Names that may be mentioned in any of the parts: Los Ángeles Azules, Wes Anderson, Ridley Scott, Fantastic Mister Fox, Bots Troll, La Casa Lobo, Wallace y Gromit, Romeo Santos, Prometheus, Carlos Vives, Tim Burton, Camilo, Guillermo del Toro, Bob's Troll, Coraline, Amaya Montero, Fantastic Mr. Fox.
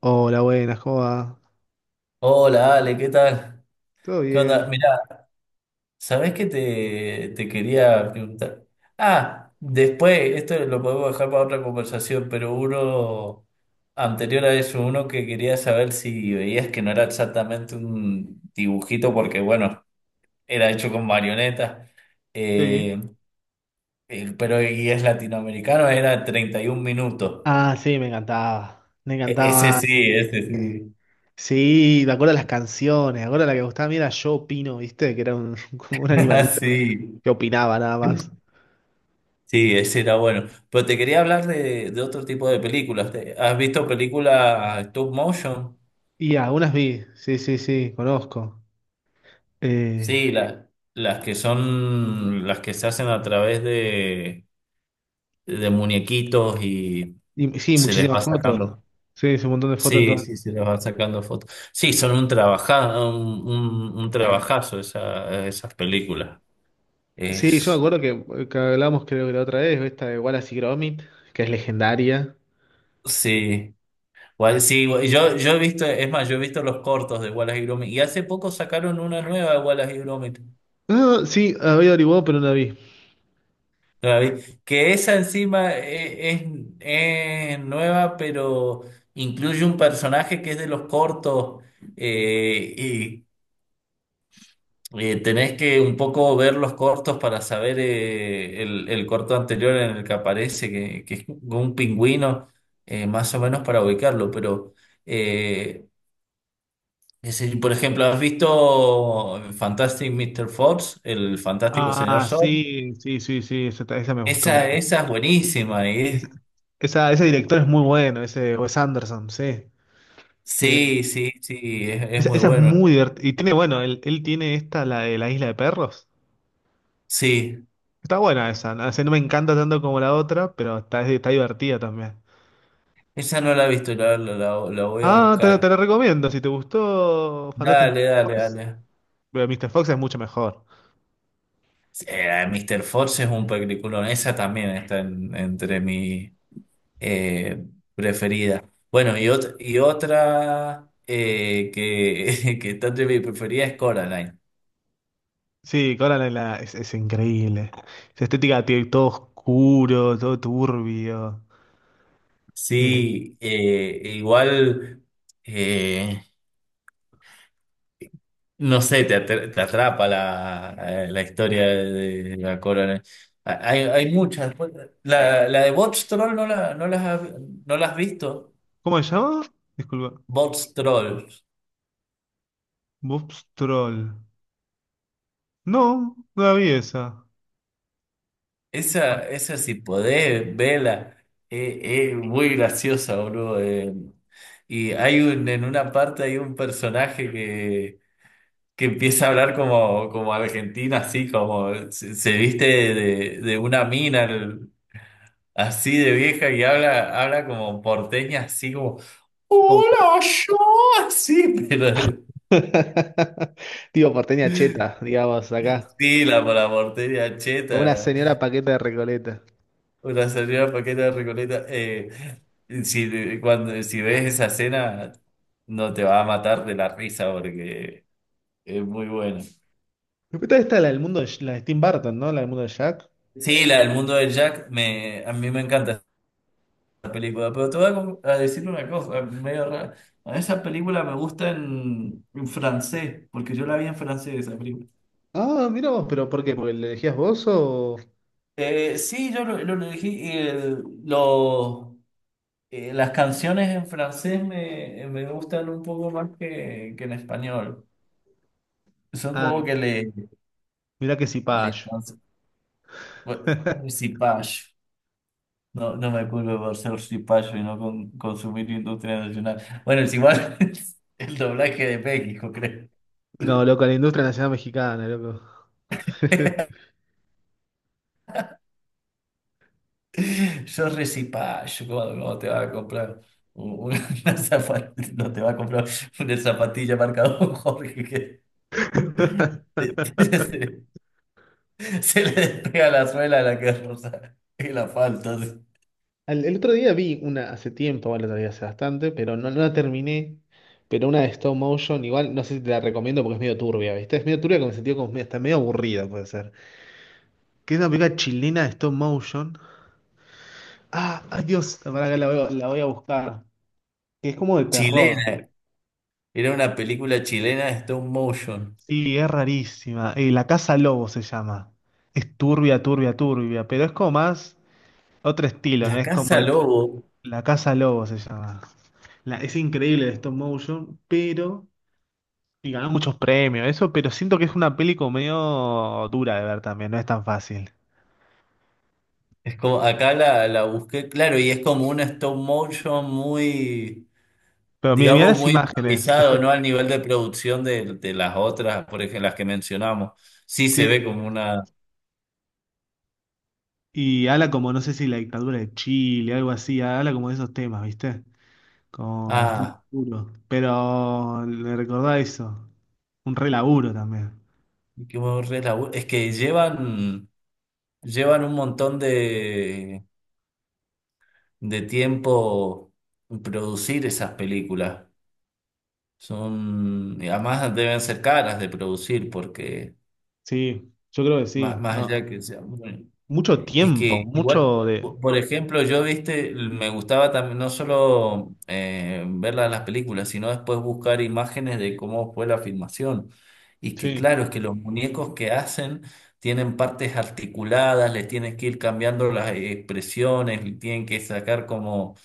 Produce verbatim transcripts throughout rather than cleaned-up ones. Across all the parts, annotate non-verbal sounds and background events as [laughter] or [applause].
Hola, buenas, ¿cómo va? Hola Ale, ¿qué tal? ¿Todo ¿Qué onda? bien? Mirá, ¿sabés qué te, te quería preguntar? Ah, después, esto lo podemos dejar para otra conversación, pero uno anterior a eso, uno que quería saber si veías que no era exactamente un dibujito, porque bueno, era hecho con marionetas, Sí. eh, eh, pero y es latinoamericano, era treinta y un minutos. Ah, sí, me encantaba. Me E- ese encantaba. sí, ese [laughs] eh, sí. Sí, me acuerdo de las canciones. Me acuerdo la que me gustaba a mí era Yo Opino, ¿viste? Que era un, [laughs] como un [laughs] animalito Sí. que opinaba nada más. Sí, ese era bueno. Pero te quería hablar de, de otro tipo de películas. ¿Te- ¿Has visto películas stop motion? Y algunas vi. Sí, sí, sí, conozco. Eh, Sí, la- las que son, las que se hacen a través de, de muñequitos y y sí, se les muchísimas va fotos. sacando. Sí, es un montón de fotos en Sí, todo. sí, se les va sacando fotos. Sí, son un trabaja, un, un, un trabajazo esa- esas películas. Sí, yo me Es, acuerdo que, eh, que hablamos creo que la otra vez, esta de Wallace y Gromit, que es legendaria. sí. Wall- Sí, yo, yo he visto, es más, yo he visto los cortos de Wallace y Gromit. Y hace poco sacaron una nueva de Wallace y Gromit. Ah, sí, había averiguado, pero no la vi. David, que esa encima e- es, es nueva, pero incluye un personaje que es de los cortos, eh, y eh, tenés que un poco ver los cortos para saber eh, el, el corto anterior en el que aparece, que, que es un pingüino, eh, más o menos para ubicarlo. Pero eh, es el- por ejemplo, ¿has visto Fantastic Mister Fox, el fantástico señor Ah, Fox? sí, sí, sí, sí, esa, ta- esa me gustó Esa, mucho. esa es buenísima. Esa, esa- ese director es muy bueno, ese Wes Anderson, sí. Que, Sí, sí, sí, es, es esa, muy esa es bueno. muy divertida. Y tiene, bueno, él, él tiene esta, la de la isla de perros. Sí, Está buena esa, no, sé no me encanta tanto como la otra, pero está, está divertida también. esa no la he visto, la, la, la- la voy a Ah, te la, te buscar. la recomiendo, si te gustó Fantastic Dale, míster dale, Fox, dale. pero míster Fox es mucho mejor. Sí, eh, mister Force es un peliculón, esa también está en- entre mi eh, preferida. Bueno, y, ot- y otra, eh, que, [laughs] que está entre mi preferida es Coraline. Sí, Coraline en la, es, es increíble. Esa estética tiene todo oscuro, todo turbio. Eh, Sí, eh, igual. eh, No sé, te, atra- te atrapa la, eh, la historia de la corona. Ha- Hay, hay muchas. Pues La, la de Bots Troll no la, no las, ha- no la has visto. ¿cómo se llama? Disculpa. Bots Troll. Bob's Troll. No, no la vi esa. Bueno, Esa, esa si podés, vela. Es muy graciosa, boludo. eh. Y hay un, en una parte hay un personaje que, que empieza a hablar como, como argentino, así como se, se viste de, de una mina. Así de vieja y habla, habla como porteña, así como, Como porte- hola, yo, así, [laughs] pero Tipo [laughs] porteña cheta, digamos, acá. sí, la, la porteña Con una cheta, señora paqueta de Recoleta. una señora paqueta de Recoleta. Eh, si, cuando, si ves esa escena, no te va a matar de la risa porque es muy buena. Después está la del mundo de, Sh- la de Tim Burton, ¿no? La del mundo de Jack. Sí, la del mundo de Jack, me, a mí me encanta esa película, pero te voy a, com- a decir una cosa, medio rara. A esa película me gusta en, en francés, porque yo la vi en francés, esa película. Ah, mira vos, pero ¿por qué? ¿Porque le elegías vos o...? Eh, sí, yo lo, lo elegí. eh, lo- eh, las canciones en francés me, me gustan un poco más que, que en español. Son Ah, como que le. mirá que si Le, payo. bueno, [laughs] reciclaje. No, no me culpo por ser cipayo y no con- consumir industria nacional. Bueno, es igual [laughs] el doblaje de México, creo. No, loco, la industria nacional mexicana, loco. Yo recipayo, ¿cómo, cómo te va a comprar un- una [laughs] zapatilla? No te va a comprar una zapatilla marca Don [laughs] Jorge. [laughs] [laughs] Se, le despega la suela a la que rosa. Y la falta. Sí. Al- el otro día vi una hace tiempo, bueno, el otro día hace bastante, pero no, no la terminé. Pero una de stop motion, igual no sé si te la recomiendo porque es medio turbia, ¿viste? Es medio turbia con el sentido como medio- está medio aburrida, puede ser. Que es una película chilena de stop motion. Ah, ay Dios, para que la voy, a la voy a buscar. Que es como de terror. Chilena. Era una película chilena de stop motion. Sí, es rarísima. Eh, La Casa Lobo se llama. Es turbia, turbia, turbia, pero es como más otro estilo, ¿no? La Es como Casa de... Lobo. La Casa Lobo se llama. La- es increíble el stop motion, pero. Y ganó muchos premios, eso, pero siento que es una peli como medio dura de ver también, no es tan fácil. Es como, acá la, la busqué, claro, y es como un stop motion muy, Pero mira, mira digamos, las muy imágenes. es improvisado, re- ¿no? Al nivel de producción de, de las otras, por ejemplo, las que mencionamos. Sí se ve Sí. como una. Y habla como, no sé si la dictadura de Chile, algo así, habla como de esos temas, ¿viste? Como bastante Ah, duro. Pero le recordá eso. Un re laburo también. qué buen relabu- es que llevan, llevan un montón de de tiempo producir esas películas. Son, y además deben ser caras de producir porque Sí, yo creo que más, sí. más No, allá que sea, bueno, mucho es que tiempo, igual, mucho de. po- por ejemplo, yo, viste, me gustaba también no solo, eh, ver la- las películas, sino después buscar imágenes de cómo fue la filmación. Y que Sí. claro, es que los muñecos que hacen tienen partes articuladas, les tienes que ir cambiando las expresiones, le tienen que sacar como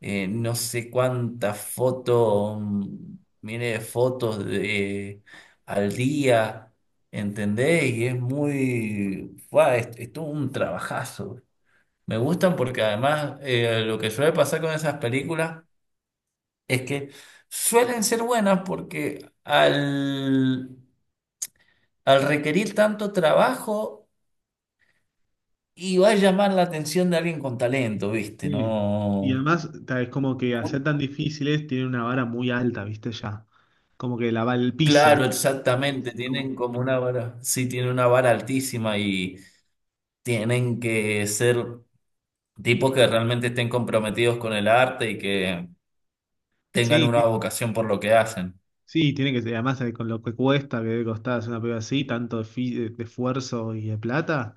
eh, no sé cuántas fotos, mm, mire, fotos de, al día. ¿Entendés? Y es muy. ¡Fua! es, es todo un trabajazo. Me gustan porque además, eh, lo que suele pasar con esas películas es que suelen ser buenas porque al, al requerir tanto trabajo y va a llamar la atención de alguien con talento, ¿viste? Sí. Y No. además, ta- es como que al ser tan difíciles, tienen una vara muy alta, ¿viste? Ya. Como que la va el piso. Claro, exactamente. Como- Tienen como una vara, sí, tienen una vara altísima y tienen que ser tipos que realmente estén comprometidos con el arte y que tengan Sí, una ti- vocación por lo que hacen. sí, tiene que ser. Además, eh, con lo que cuesta, que debe costar hacer una prueba así, tanto de, fi- de- de esfuerzo y de plata.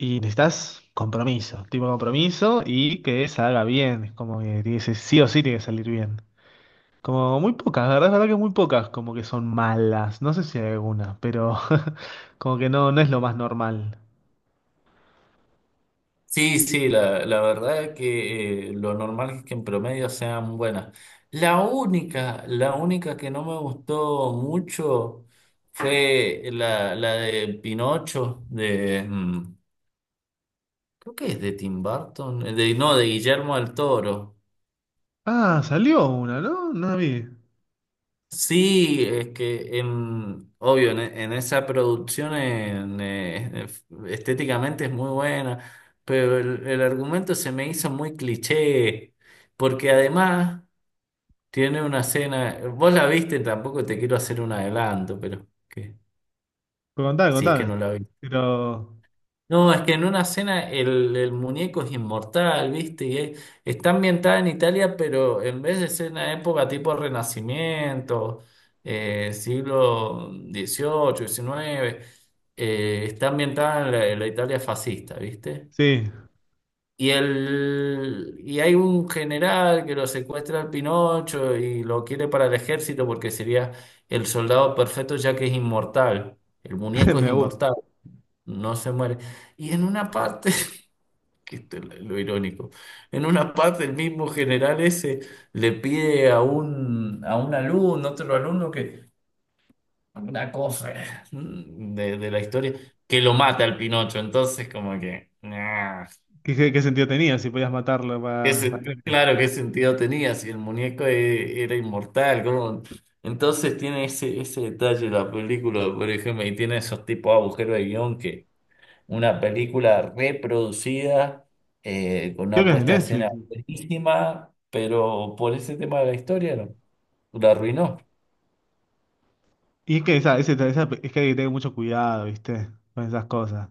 Y necesitas compromiso, tipo compromiso y que salga bien. Es como que tiene que ser- sí o sí tiene que salir bien. Como muy pocas, la verdad, es verdad que muy pocas como que son malas. No sé si hay alguna, pero [laughs] como que no, no es lo más normal. Sí, sí, la, la verdad es que, eh, lo normal es que en promedio sean buenas. La única, la única que no me gustó mucho fue la, la de Pinocho, de, mm, creo que es de Tim Burton, eh, de, no, de Guillermo del Toro. Ah, salió una, ¿no? No la vi. Sí, es que en, obvio, en, e- en esa producción, en, eh, ef- estéticamente es muy buena, pero el, el argumento se me hizo muy cliché, porque además tiene una escena, vos la viste, tampoco te quiero hacer un adelanto, pero que, Pero contame, si es que contame. no la viste. Pero No, es que en una escena el, el muñeco es inmortal, ¿viste? Y es- está ambientada en Italia, pero en vez de ser una época tipo Renacimiento, eh, siglo dieciocho, diecinueve, eh, está ambientada en la, en la Italia fascista, ¿viste? sí, Y, el, y hay un general que lo secuestra al Pinocho y lo quiere para el ejército porque sería el soldado perfecto ya que es inmortal, el [laughs] muñeco es me gusta. inmortal, no se muere. Y en una parte [laughs] que esto es lo irónico. En una parte el mismo general ese le pide a un, a un alumno, otro alumno que, una cosa, eh, de, de la historia, que lo mata al Pinocho. Entonces como que, nah, ¿Qué, qué- qué sentido tenía si podías matarlo ¿qué para, sen- claro, ¿qué sentido tenía si el muñeco e- era inmortal? ¿Cómo? Entonces tiene ese, ese detalle la película, por ejemplo, y tiene esos tipos de agujeros de guión. Una película reproducida, eh, con creo una que es de puesta en escena Netflix. buenísima, pero por ese tema de la historia no, la arruinó. Y es que esa, ese- esa- es que hay que tener mucho cuidado, ¿viste? Con esas cosas.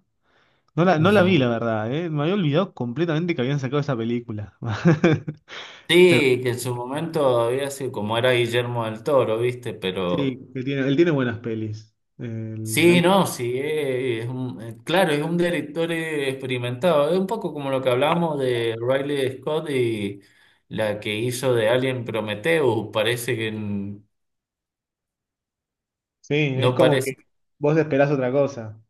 No la, no la vi, Ujú. la verdad, ¿eh? Me había olvidado completamente que habían sacado esa película. [laughs] Pero Sí, que en su momento había sido como era Guillermo del Toro, ¿viste? Pero sí, que tiene, él tiene buenas pelis. El- sí, ahí- no, sí, eh, es un- eh, claro, es un director, eh, experimentado. Es un poco como lo que hablamos de Riley Scott y la que hizo de Alien Prometheus. Parece que n- sí, es no como Parece. que vos esperás otra cosa.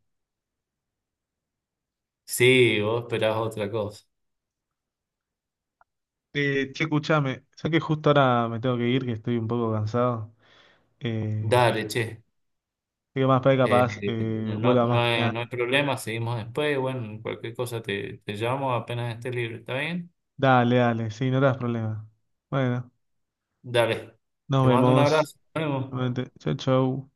Sí, vos esperás otra cosa. Eh, che, escuchame, ya que justo ahora me tengo que ir, que estoy un poco cansado. Eh, Dale, che. Así que más para Eh, capaz eh, no, no vuelva no más hay, mañana. no hay problema, seguimos después. Bueno, cualquier cosa te, te llamo apenas esté libre, ¿está bien? Dale, dale, sí, no te das problema. Bueno, Dale, nos te mando un vemos. abrazo. Nos vemos. Nuevamente. Chau, chau.